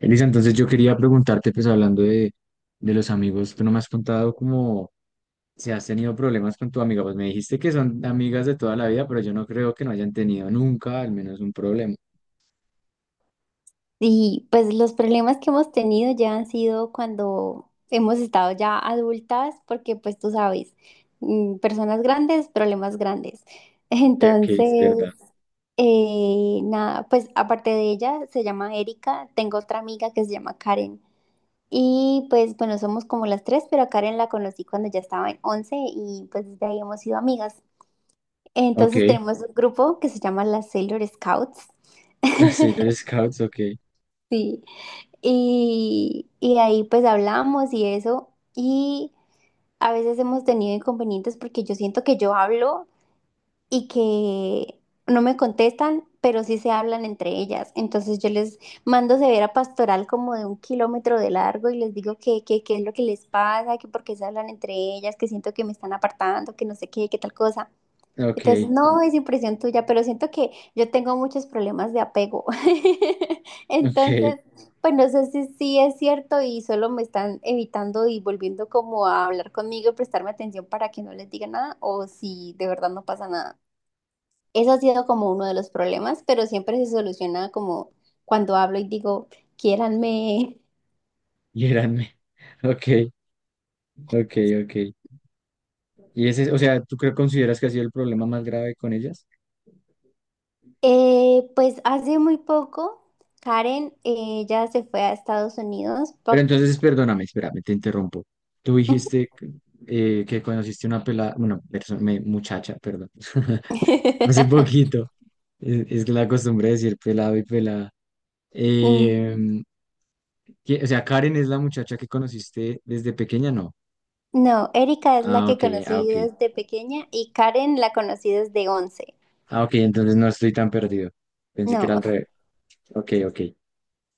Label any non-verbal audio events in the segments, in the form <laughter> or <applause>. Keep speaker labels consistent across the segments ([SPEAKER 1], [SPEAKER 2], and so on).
[SPEAKER 1] Elisa, entonces yo quería preguntarte, pues hablando de los amigos, tú no me has contado cómo si has tenido problemas con tu amiga, pues me dijiste que son amigas de toda la vida, pero yo no creo que no hayan tenido nunca al menos un problema.
[SPEAKER 2] Y pues los problemas que hemos tenido ya han sido cuando hemos estado ya adultas, porque pues tú sabes, personas grandes, problemas grandes. <laughs>
[SPEAKER 1] Ok, es
[SPEAKER 2] Entonces,
[SPEAKER 1] verdad.
[SPEAKER 2] nada, pues aparte de ella, se llama Erika, tengo otra amiga que se llama Karen. Y pues bueno, somos como las tres, pero a Karen la conocí cuando ya estaba en 11 y pues desde ahí hemos sido amigas.
[SPEAKER 1] Ok, <laughs>
[SPEAKER 2] Entonces
[SPEAKER 1] sí,
[SPEAKER 2] tenemos un grupo que se llama las Sailor Scouts.
[SPEAKER 1] los Sailor
[SPEAKER 2] <laughs>
[SPEAKER 1] Scouts. Ok.
[SPEAKER 2] Sí. Y ahí pues hablamos y eso. Y a veces hemos tenido inconvenientes porque yo siento que yo hablo y que no me contestan, pero sí se hablan entre ellas. Entonces yo les mando severa pastoral como de un kilómetro de largo y les digo qué es lo que les pasa, que por qué se hablan entre ellas, que siento que me están apartando, que no sé qué, qué tal cosa. Entonces,
[SPEAKER 1] Ok.
[SPEAKER 2] no es impresión tuya, pero siento que yo tengo muchos problemas de apego. <laughs>
[SPEAKER 1] Ok.
[SPEAKER 2] Entonces, pues no sé si sí es cierto y solo me están evitando y volviendo como a hablar conmigo y prestarme atención para que no les diga nada o si de verdad no pasa nada. Eso ha sido como uno de los problemas, pero siempre se soluciona como cuando hablo y digo, quiéranme.
[SPEAKER 1] y eran me- <laughs> ok. Ok. Ok. Y ese, o sea, consideras que ha sido el problema más grave con ellas?
[SPEAKER 2] Pues hace muy poco, Karen, ya se fue a Estados Unidos.
[SPEAKER 1] Pero entonces, perdóname, espérame, te interrumpo. Tú dijiste que que conociste una pelada, bueno, persona muchacha, perdón, <laughs> hace
[SPEAKER 2] <laughs>
[SPEAKER 1] poquito. Es que la costumbre de decir pelado y pelada.
[SPEAKER 2] Mm.
[SPEAKER 1] Em, o sea, Karen es la muchacha que conociste desde pequeña, ¿no?
[SPEAKER 2] No, Erika es la
[SPEAKER 1] Ah,
[SPEAKER 2] que
[SPEAKER 1] ok. Ah,
[SPEAKER 2] conocí
[SPEAKER 1] ok.
[SPEAKER 2] desde pequeña y Karen la conocí desde 11.
[SPEAKER 1] Ah, ok, entonces no estoy tan perdido. Pensé que
[SPEAKER 2] No,
[SPEAKER 1] era al revés. Ok. Ok.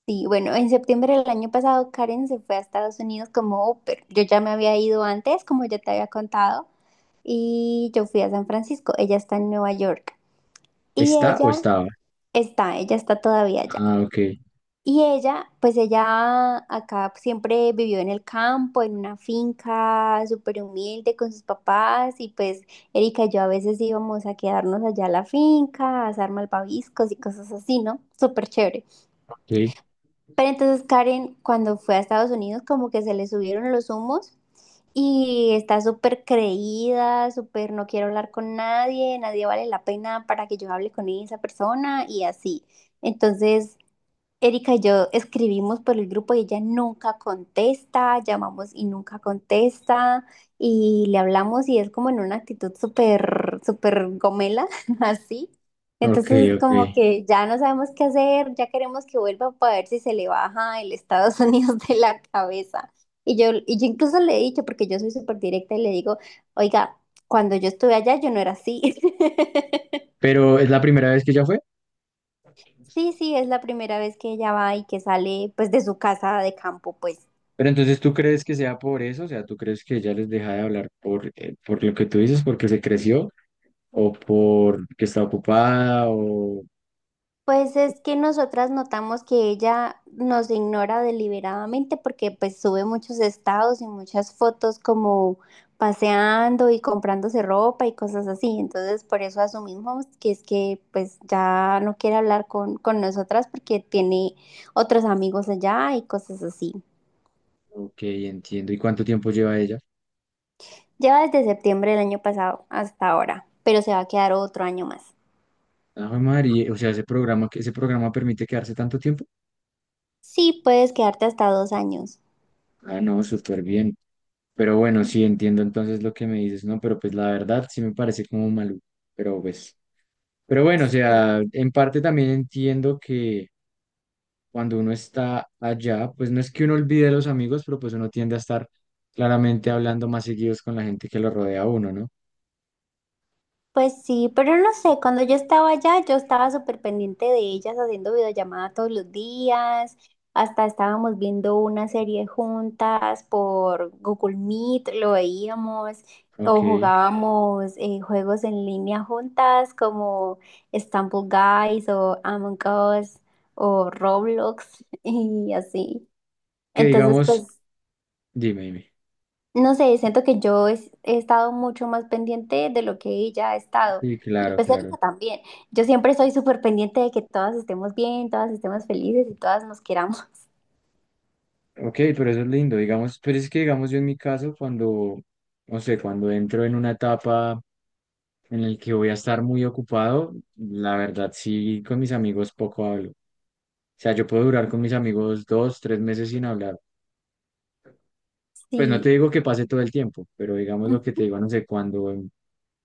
[SPEAKER 2] sí, bueno, en septiembre del año pasado Karen se fue a Estados Unidos como au pair. Yo ya me había ido antes, como ya te había contado, y yo fui a San Francisco. Ella está en Nueva York y
[SPEAKER 1] ¿Está o
[SPEAKER 2] ella
[SPEAKER 1] estaba?
[SPEAKER 2] está, ella está todavía allá.
[SPEAKER 1] Ah, ok.
[SPEAKER 2] Y ella, pues ella acá siempre vivió en el campo, en una finca súper humilde con sus papás y pues Erika y yo a veces íbamos a quedarnos allá a la finca, a asar malvaviscos y cosas así, ¿no? Súper chévere.
[SPEAKER 1] Ok.
[SPEAKER 2] Pero entonces Karen, cuando fue a Estados Unidos, como que se le subieron los humos y está súper creída, súper no quiero hablar con nadie, nadie vale la pena para que yo hable con esa persona y así. Entonces... Erika y yo escribimos por el grupo y ella nunca contesta, llamamos y nunca contesta, y le hablamos y es como en una actitud súper, súper gomela, <laughs> así.
[SPEAKER 1] Ok.
[SPEAKER 2] Entonces,
[SPEAKER 1] Ok.
[SPEAKER 2] como que ya no sabemos qué hacer, ya queremos que vuelva para ver si se le baja el Estados <laughs> Unidos de la cabeza. Y yo incluso le he dicho, porque yo soy súper directa, y le digo, oiga, cuando yo estuve allá yo no era así. <laughs>
[SPEAKER 1] Pero es la primera vez que ella fue.
[SPEAKER 2] Sí, sí, es la primera vez que ella va y que sale pues de su casa de campo, pues.
[SPEAKER 1] Pero entonces, ¿tú crees que sea por eso? O sea, ¿tú crees que ella les deja de hablar por, por lo que tú dices, porque se creció, o por que está ocupada. O
[SPEAKER 2] Pues es que nosotras notamos que ella nos ignora deliberadamente porque pues sube muchos estados y muchas fotos como paseando y comprándose ropa y cosas así. Entonces por eso asumimos que es que pues ya no quiere hablar con nosotras porque tiene otros amigos allá y cosas así.
[SPEAKER 1] Ok, entiendo. ¿Y cuánto tiempo lleva ella?
[SPEAKER 2] Lleva desde septiembre del año pasado hasta ahora, pero se va a quedar otro año más.
[SPEAKER 1] Ah, jue María, o sea, ese programa, que ese programa permite quedarse tanto tiempo.
[SPEAKER 2] Sí, puedes quedarte hasta 2 años.
[SPEAKER 1] Ah, no, súper bien. Pero bueno, sí, entiendo entonces lo que me dices, ¿no? Pero pues la verdad sí me parece como maluco. Pero pues, pero bueno, o sea, en parte también entiendo cuando uno está allá, pues no es que uno olvide a los amigos, pero pues uno tiende a estar claramente hablando más seguidos con la gente que lo rodea a uno, ¿no?
[SPEAKER 2] Pues sí, pero no sé, cuando yo estaba allá, yo estaba súper pendiente de ellas haciendo videollamada todos los días, hasta estábamos viendo una serie juntas por Google Meet, lo veíamos,
[SPEAKER 1] Ok.
[SPEAKER 2] o jugábamos juegos en línea juntas como Stumble Guys o Among Us o Roblox <laughs> y así.
[SPEAKER 1] Que
[SPEAKER 2] Entonces,
[SPEAKER 1] digamos,
[SPEAKER 2] pues
[SPEAKER 1] dime, dime.
[SPEAKER 2] no sé, siento que yo he estado mucho más pendiente de lo que ella ha estado.
[SPEAKER 1] Sí,
[SPEAKER 2] Y
[SPEAKER 1] claro,
[SPEAKER 2] pues
[SPEAKER 1] claro.
[SPEAKER 2] Erika también. Yo siempre soy súper pendiente de que todas estemos bien, todas estemos felices y todas nos queramos.
[SPEAKER 1] Ok, pero eso es lindo, digamos, pero es que digamos yo en mi caso, cuando, no sé, cuando entro en una etapa en la que voy a estar muy ocupado, la verdad sí, con mis amigos poco hablo. O sea, yo puedo durar con mis amigos dos, tres meses sin hablar. Pues no te
[SPEAKER 2] Sí.
[SPEAKER 1] digo que pase todo el tiempo, pero digamos lo que te digo, no sé, cuando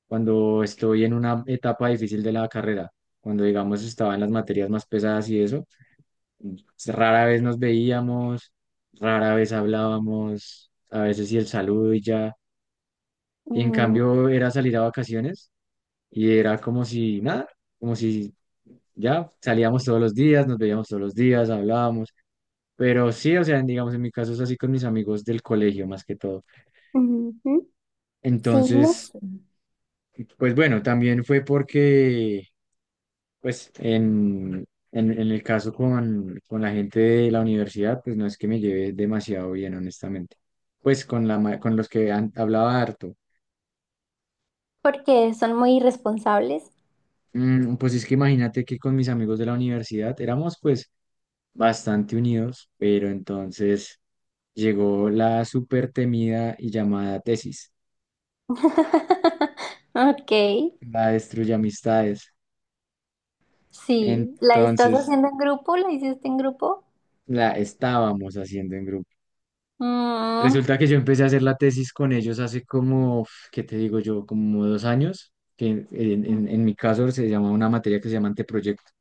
[SPEAKER 1] cuando estoy en una etapa difícil de la carrera, cuando digamos estaba en las materias más pesadas y eso, pues, rara vez nos veíamos, rara vez hablábamos, a veces y el saludo y ya. Y en
[SPEAKER 2] Ujú,
[SPEAKER 1] cambio era salir a vacaciones y era como si nada, como si ya salíamos todos los días, nos veíamos todos los días, hablábamos. Pero sí, o sea, digamos, en mi caso es así con mis amigos del colegio más que todo.
[SPEAKER 2] ujú. Sí, no
[SPEAKER 1] Entonces,
[SPEAKER 2] sé.
[SPEAKER 1] pues bueno, también fue porque pues en, en el caso con la gente de la universidad, pues no es que me lleve demasiado bien, honestamente. Pues con los que hablaba harto.
[SPEAKER 2] Porque son muy irresponsables.
[SPEAKER 1] Pues es que imagínate que con mis amigos de la universidad éramos pues bastante unidos, pero entonces llegó la súper temida y llamada tesis,
[SPEAKER 2] <laughs> Ok.
[SPEAKER 1] la destruye amistades.
[SPEAKER 2] Sí. ¿La estás
[SPEAKER 1] Entonces
[SPEAKER 2] haciendo en grupo? ¿La hiciste en grupo?
[SPEAKER 1] la estábamos haciendo en grupo.
[SPEAKER 2] Mm,
[SPEAKER 1] Resulta que yo empecé a hacer la tesis con ellos hace como, uf, ¿qué te digo yo? Como 2 años, que en, en mi caso se llama una materia que se llama anteproyecto.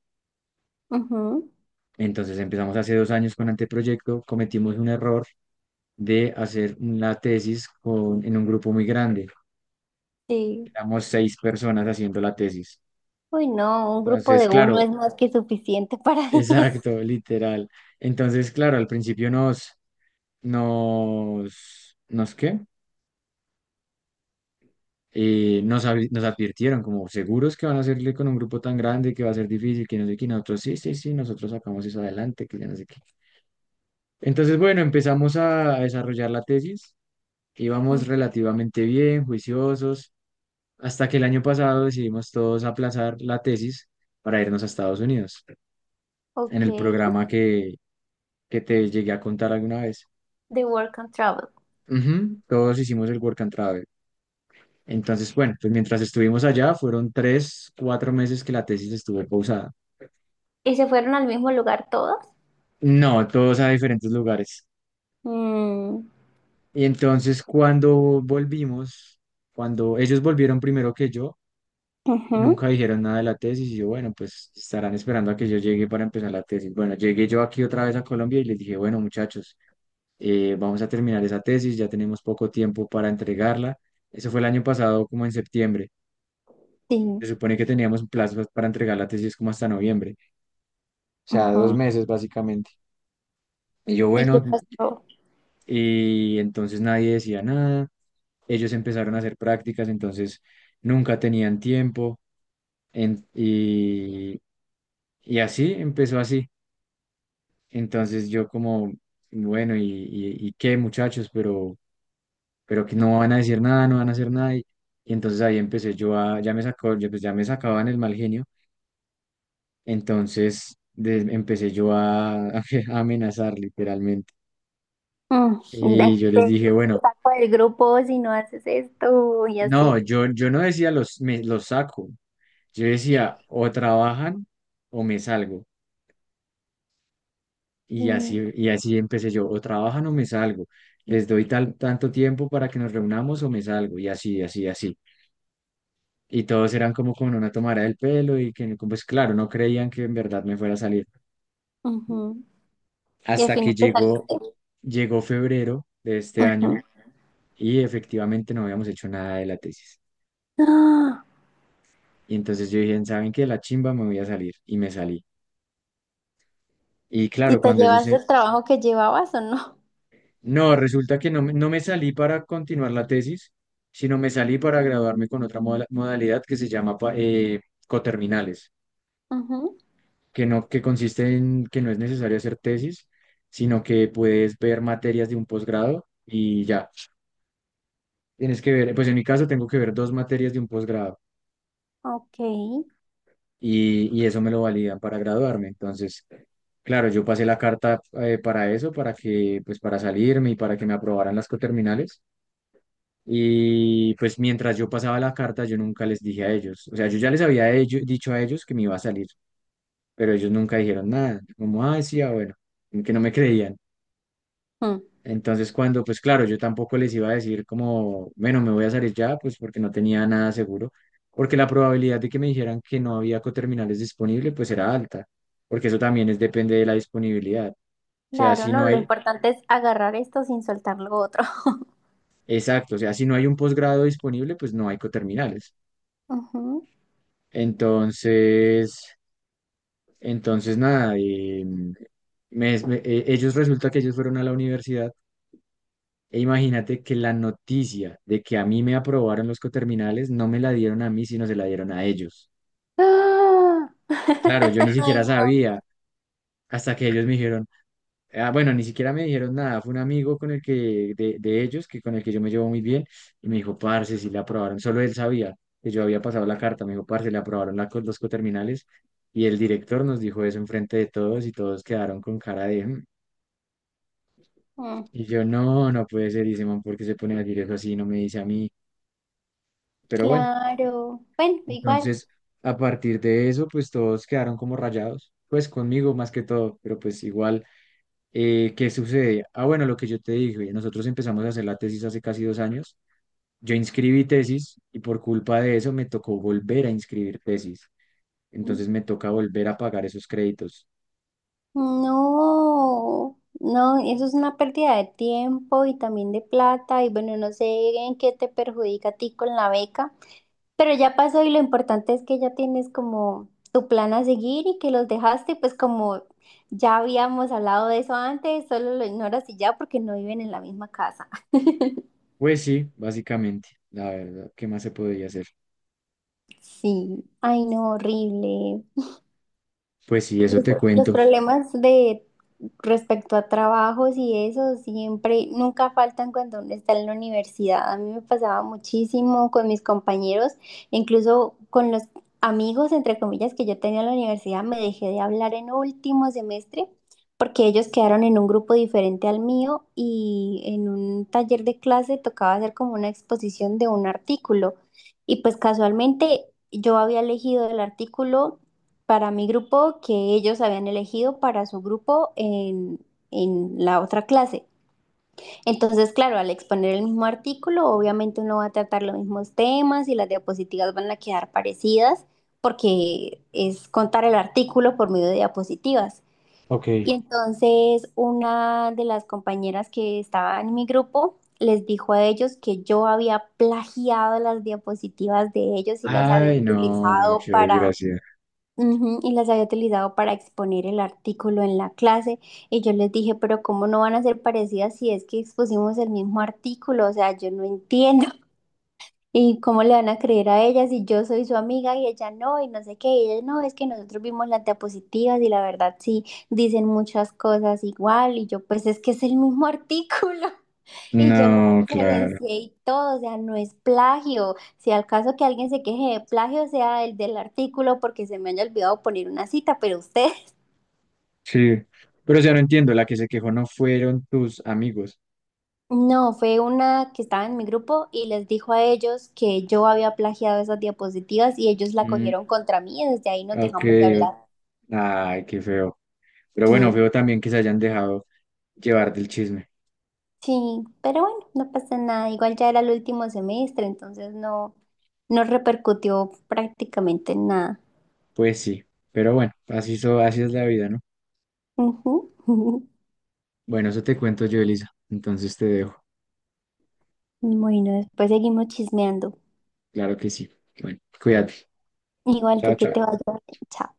[SPEAKER 2] ujú,
[SPEAKER 1] Entonces empezamos hace 2 años con anteproyecto, cometimos un error de hacer la tesis en un grupo muy grande.
[SPEAKER 2] sí.
[SPEAKER 1] Éramos seis personas haciendo la tesis.
[SPEAKER 2] Uy, no, un grupo
[SPEAKER 1] Entonces,
[SPEAKER 2] de uno
[SPEAKER 1] claro,
[SPEAKER 2] es más que suficiente para <laughs> eso.
[SPEAKER 1] exacto, literal. Entonces, claro, al principio ¿nos qué? Nos advirtieron como seguros que van a hacerle con un grupo tan grande que va a ser difícil, que no sé qué, y nosotros sí, sí, sí, nosotros sacamos eso adelante, que ya no sé qué. Entonces, bueno, empezamos a desarrollar la tesis,
[SPEAKER 2] Mm,
[SPEAKER 1] íbamos relativamente bien, juiciosos, hasta que el año pasado decidimos todos aplazar la tesis para irnos a Estados Unidos, en
[SPEAKER 2] ok,
[SPEAKER 1] el programa que te llegué a contar alguna vez.
[SPEAKER 2] the Work and Travel.
[SPEAKER 1] Ujú, todos hicimos el Work and Travel. Entonces, bueno, pues mientras estuvimos allá, fueron tres, cuatro meses que la tesis estuvo pausada.
[SPEAKER 2] ¿Y se fueron al mismo lugar todos?
[SPEAKER 1] No, todos a diferentes lugares.
[SPEAKER 2] Mm,
[SPEAKER 1] Y entonces cuando volvimos, cuando ellos volvieron primero que yo y
[SPEAKER 2] ujú,
[SPEAKER 1] nunca dijeron nada de la tesis, y yo, bueno, pues estarán esperando a que yo llegue para empezar la tesis. Bueno, llegué yo aquí otra vez a Colombia y les dije, bueno, muchachos, vamos a terminar esa tesis, ya tenemos poco tiempo para entregarla. Eso fue el año pasado, como en septiembre. Se
[SPEAKER 2] sí.
[SPEAKER 1] supone que teníamos un plazo para entregar la tesis como hasta noviembre, o sea, dos
[SPEAKER 2] Ujú.
[SPEAKER 1] meses básicamente. Y yo,
[SPEAKER 2] ¿Y qué
[SPEAKER 1] bueno,
[SPEAKER 2] pasó?
[SPEAKER 1] y entonces nadie decía nada. Ellos empezaron a hacer prácticas, entonces nunca tenían tiempo en- y, y así empezó así. Entonces yo como, bueno, ¿y qué muchachos? Pero que no van a decir nada, no van a hacer nada. Y entonces ahí empecé yo a, ya me sacó, ya, pues ya me sacaban el mal genio, entonces empecé yo a, <laughs> a amenazar literalmente.
[SPEAKER 2] Mm,
[SPEAKER 1] Y yo les
[SPEAKER 2] te
[SPEAKER 1] dije, bueno,
[SPEAKER 2] saco del grupo si no haces esto y
[SPEAKER 1] no,
[SPEAKER 2] así.
[SPEAKER 1] yo no decía los saco, yo decía o trabajan o me salgo.
[SPEAKER 2] Mm,
[SPEAKER 1] Y así empecé yo, o trabajan o me salgo, les doy tanto tiempo para que nos reunamos o me salgo, y así, así, así. Y todos eran como con una tomada del pelo y que, pues claro, no creían que en verdad me fuera a salir.
[SPEAKER 2] ujú. Y al
[SPEAKER 1] Hasta que
[SPEAKER 2] final te saliste.
[SPEAKER 1] llegó febrero de este año
[SPEAKER 2] Ujú.
[SPEAKER 1] y efectivamente no habíamos hecho nada de la tesis.
[SPEAKER 2] Ah,
[SPEAKER 1] Y entonces yo dije, ¿saben qué? La chimba me voy a salir y me salí. Y
[SPEAKER 2] ¿y
[SPEAKER 1] claro,
[SPEAKER 2] te
[SPEAKER 1] cuando ellos,
[SPEAKER 2] llevas
[SPEAKER 1] se-
[SPEAKER 2] el trabajo que llevabas o no?
[SPEAKER 1] No, resulta que no, no me salí para continuar la tesis, sino me salí para graduarme con otra modalidad que se llama coterminales,
[SPEAKER 2] Ujú,
[SPEAKER 1] que consiste en que no es necesario hacer tesis, sino que puedes ver materias de un posgrado y ya. Tienes que ver, pues en mi caso tengo que ver dos materias de un posgrado
[SPEAKER 2] ok.
[SPEAKER 1] y eso me lo validan para graduarme. Entonces, claro, yo pasé la carta para eso, para salirme y para que me aprobaran las coterminales. Y pues mientras yo pasaba la carta, yo nunca les dije a ellos. O sea, yo ya les había dicho a ellos que me iba a salir, pero ellos nunca dijeron nada. Como, ah, sí, ah, bueno, como que no me creían.
[SPEAKER 2] Mm,
[SPEAKER 1] Entonces, cuando, pues claro, yo tampoco les iba a decir como, bueno, me voy a salir ya, pues porque no tenía nada seguro, porque la probabilidad de que me dijeran que no había coterminales disponible, pues era alta, porque eso también es depende de la disponibilidad. O sea,
[SPEAKER 2] claro,
[SPEAKER 1] si no
[SPEAKER 2] no, lo
[SPEAKER 1] hay,
[SPEAKER 2] importante es agarrar esto sin soltar lo otro.
[SPEAKER 1] exacto, o sea, si no hay un posgrado disponible, pues no hay coterminales.
[SPEAKER 2] Ujú.
[SPEAKER 1] Entonces... Entonces, nada, ellos resulta que ellos fueron a la universidad e imagínate que la noticia de que a mí me aprobaron los coterminales no me la dieron a mí, sino se la dieron a ellos.
[SPEAKER 2] ¡Ah!
[SPEAKER 1] Claro, yo ni
[SPEAKER 2] <laughs> Ay,
[SPEAKER 1] siquiera
[SPEAKER 2] no.
[SPEAKER 1] sabía hasta que ellos me dijeron, ah, bueno, ni siquiera me dijeron nada, fue un amigo con el que, de ellos, que con el que yo me llevo muy bien, y me dijo, parce, si le aprobaron, solo él sabía que yo había pasado la carta, me dijo, parce, le aprobaron los coterminales, y el director nos dijo eso enfrente de todos y todos quedaron con cara de... "Mm".
[SPEAKER 2] Mm,
[SPEAKER 1] Y yo, no, no puede ser, dice, man, ¿porque se pone a decir eso así? No me dice a mí. Pero bueno,
[SPEAKER 2] claro. Bueno, igual.
[SPEAKER 1] entonces, a partir de eso, pues todos quedaron como rayados, pues conmigo más que todo, pero pues igual, ¿qué sucede? Ah, bueno, lo que yo te dije, nosotros empezamos a hacer la tesis hace casi 2 años, yo inscribí tesis y por culpa de eso me tocó volver a inscribir tesis, entonces me toca volver a pagar esos créditos.
[SPEAKER 2] No, no, eso es una pérdida de tiempo y también de plata y bueno, no sé en qué te perjudica a ti con la beca, pero ya pasó y lo importante es que ya tienes como tu plan a seguir y que los dejaste, pues como ya habíamos hablado de eso antes, solo lo ignoras y ya porque no viven en la misma casa. <laughs>
[SPEAKER 1] Pues sí, básicamente, la verdad, ¿qué más se podría hacer?
[SPEAKER 2] Sí, ay no, horrible.
[SPEAKER 1] Pues sí, eso te
[SPEAKER 2] Los
[SPEAKER 1] cuento.
[SPEAKER 2] problemas de respecto a trabajos y eso siempre, nunca faltan cuando uno está en la universidad. A mí me pasaba muchísimo con mis compañeros, incluso con los amigos, entre comillas, que yo tenía en la universidad, me dejé de hablar en último semestre porque ellos quedaron en un grupo diferente al mío y en un taller de clase tocaba hacer como una exposición de un artículo. Y pues casualmente yo había elegido el artículo para mi grupo que ellos habían elegido para su grupo en la otra clase. Entonces, claro, al exponer el mismo artículo, obviamente uno va a tratar los mismos temas y las diapositivas van a quedar parecidas porque es contar el artículo por medio de diapositivas. Y
[SPEAKER 1] Ok.
[SPEAKER 2] entonces una de las compañeras que estaba en mi grupo les dijo a ellos que yo había plagiado las diapositivas de ellos y las había
[SPEAKER 1] Ay, no,
[SPEAKER 2] utilizado
[SPEAKER 1] muchas
[SPEAKER 2] para
[SPEAKER 1] gracias.
[SPEAKER 2] ujú, y las había utilizado para exponer el artículo en la clase y yo les dije, pero ¿cómo no van a ser parecidas si es que expusimos el mismo artículo? O sea, yo no entiendo. ¿Y cómo le van a creer a ella si yo soy su amiga y ella no? Y no sé qué, y ella no, es que nosotros vimos las diapositivas y la verdad sí dicen muchas cosas igual y yo pues es que es el mismo artículo <laughs> y yo lo
[SPEAKER 1] No, claro.
[SPEAKER 2] referencié y todo, o sea, no es plagio. Si al caso que alguien se queje de plagio sea el del artículo porque se me haya olvidado poner una cita, pero ustedes... <laughs>
[SPEAKER 1] Sí. Pero ya no entiendo, la que se quejó no fueron tus amigos.
[SPEAKER 2] No, fue una que estaba en mi grupo y les dijo a ellos que yo había plagiado esas diapositivas y ellos la
[SPEAKER 1] Mm,
[SPEAKER 2] cogieron contra mí y desde ahí nos
[SPEAKER 1] ok,
[SPEAKER 2] dejamos de
[SPEAKER 1] o-
[SPEAKER 2] hablar.
[SPEAKER 1] ay, qué feo. Pero
[SPEAKER 2] Sí,
[SPEAKER 1] bueno, feo también que se hayan dejado llevar del chisme.
[SPEAKER 2] sí, pero bueno, no pasa nada. Igual ya era el último semestre, entonces no, no repercutió prácticamente en nada.
[SPEAKER 1] Pues sí, pero bueno, así, so, así es la vida, ¿no?
[SPEAKER 2] Ujú. <laughs>
[SPEAKER 1] Bueno, eso te cuento yo, Elisa. Entonces te dejo.
[SPEAKER 2] Bueno, después seguimos chismeando.
[SPEAKER 1] Claro que sí. Bueno, cuídate.
[SPEAKER 2] Igual
[SPEAKER 1] Chao,
[SPEAKER 2] tú que
[SPEAKER 1] chao.
[SPEAKER 2] te vayas bien. Chao.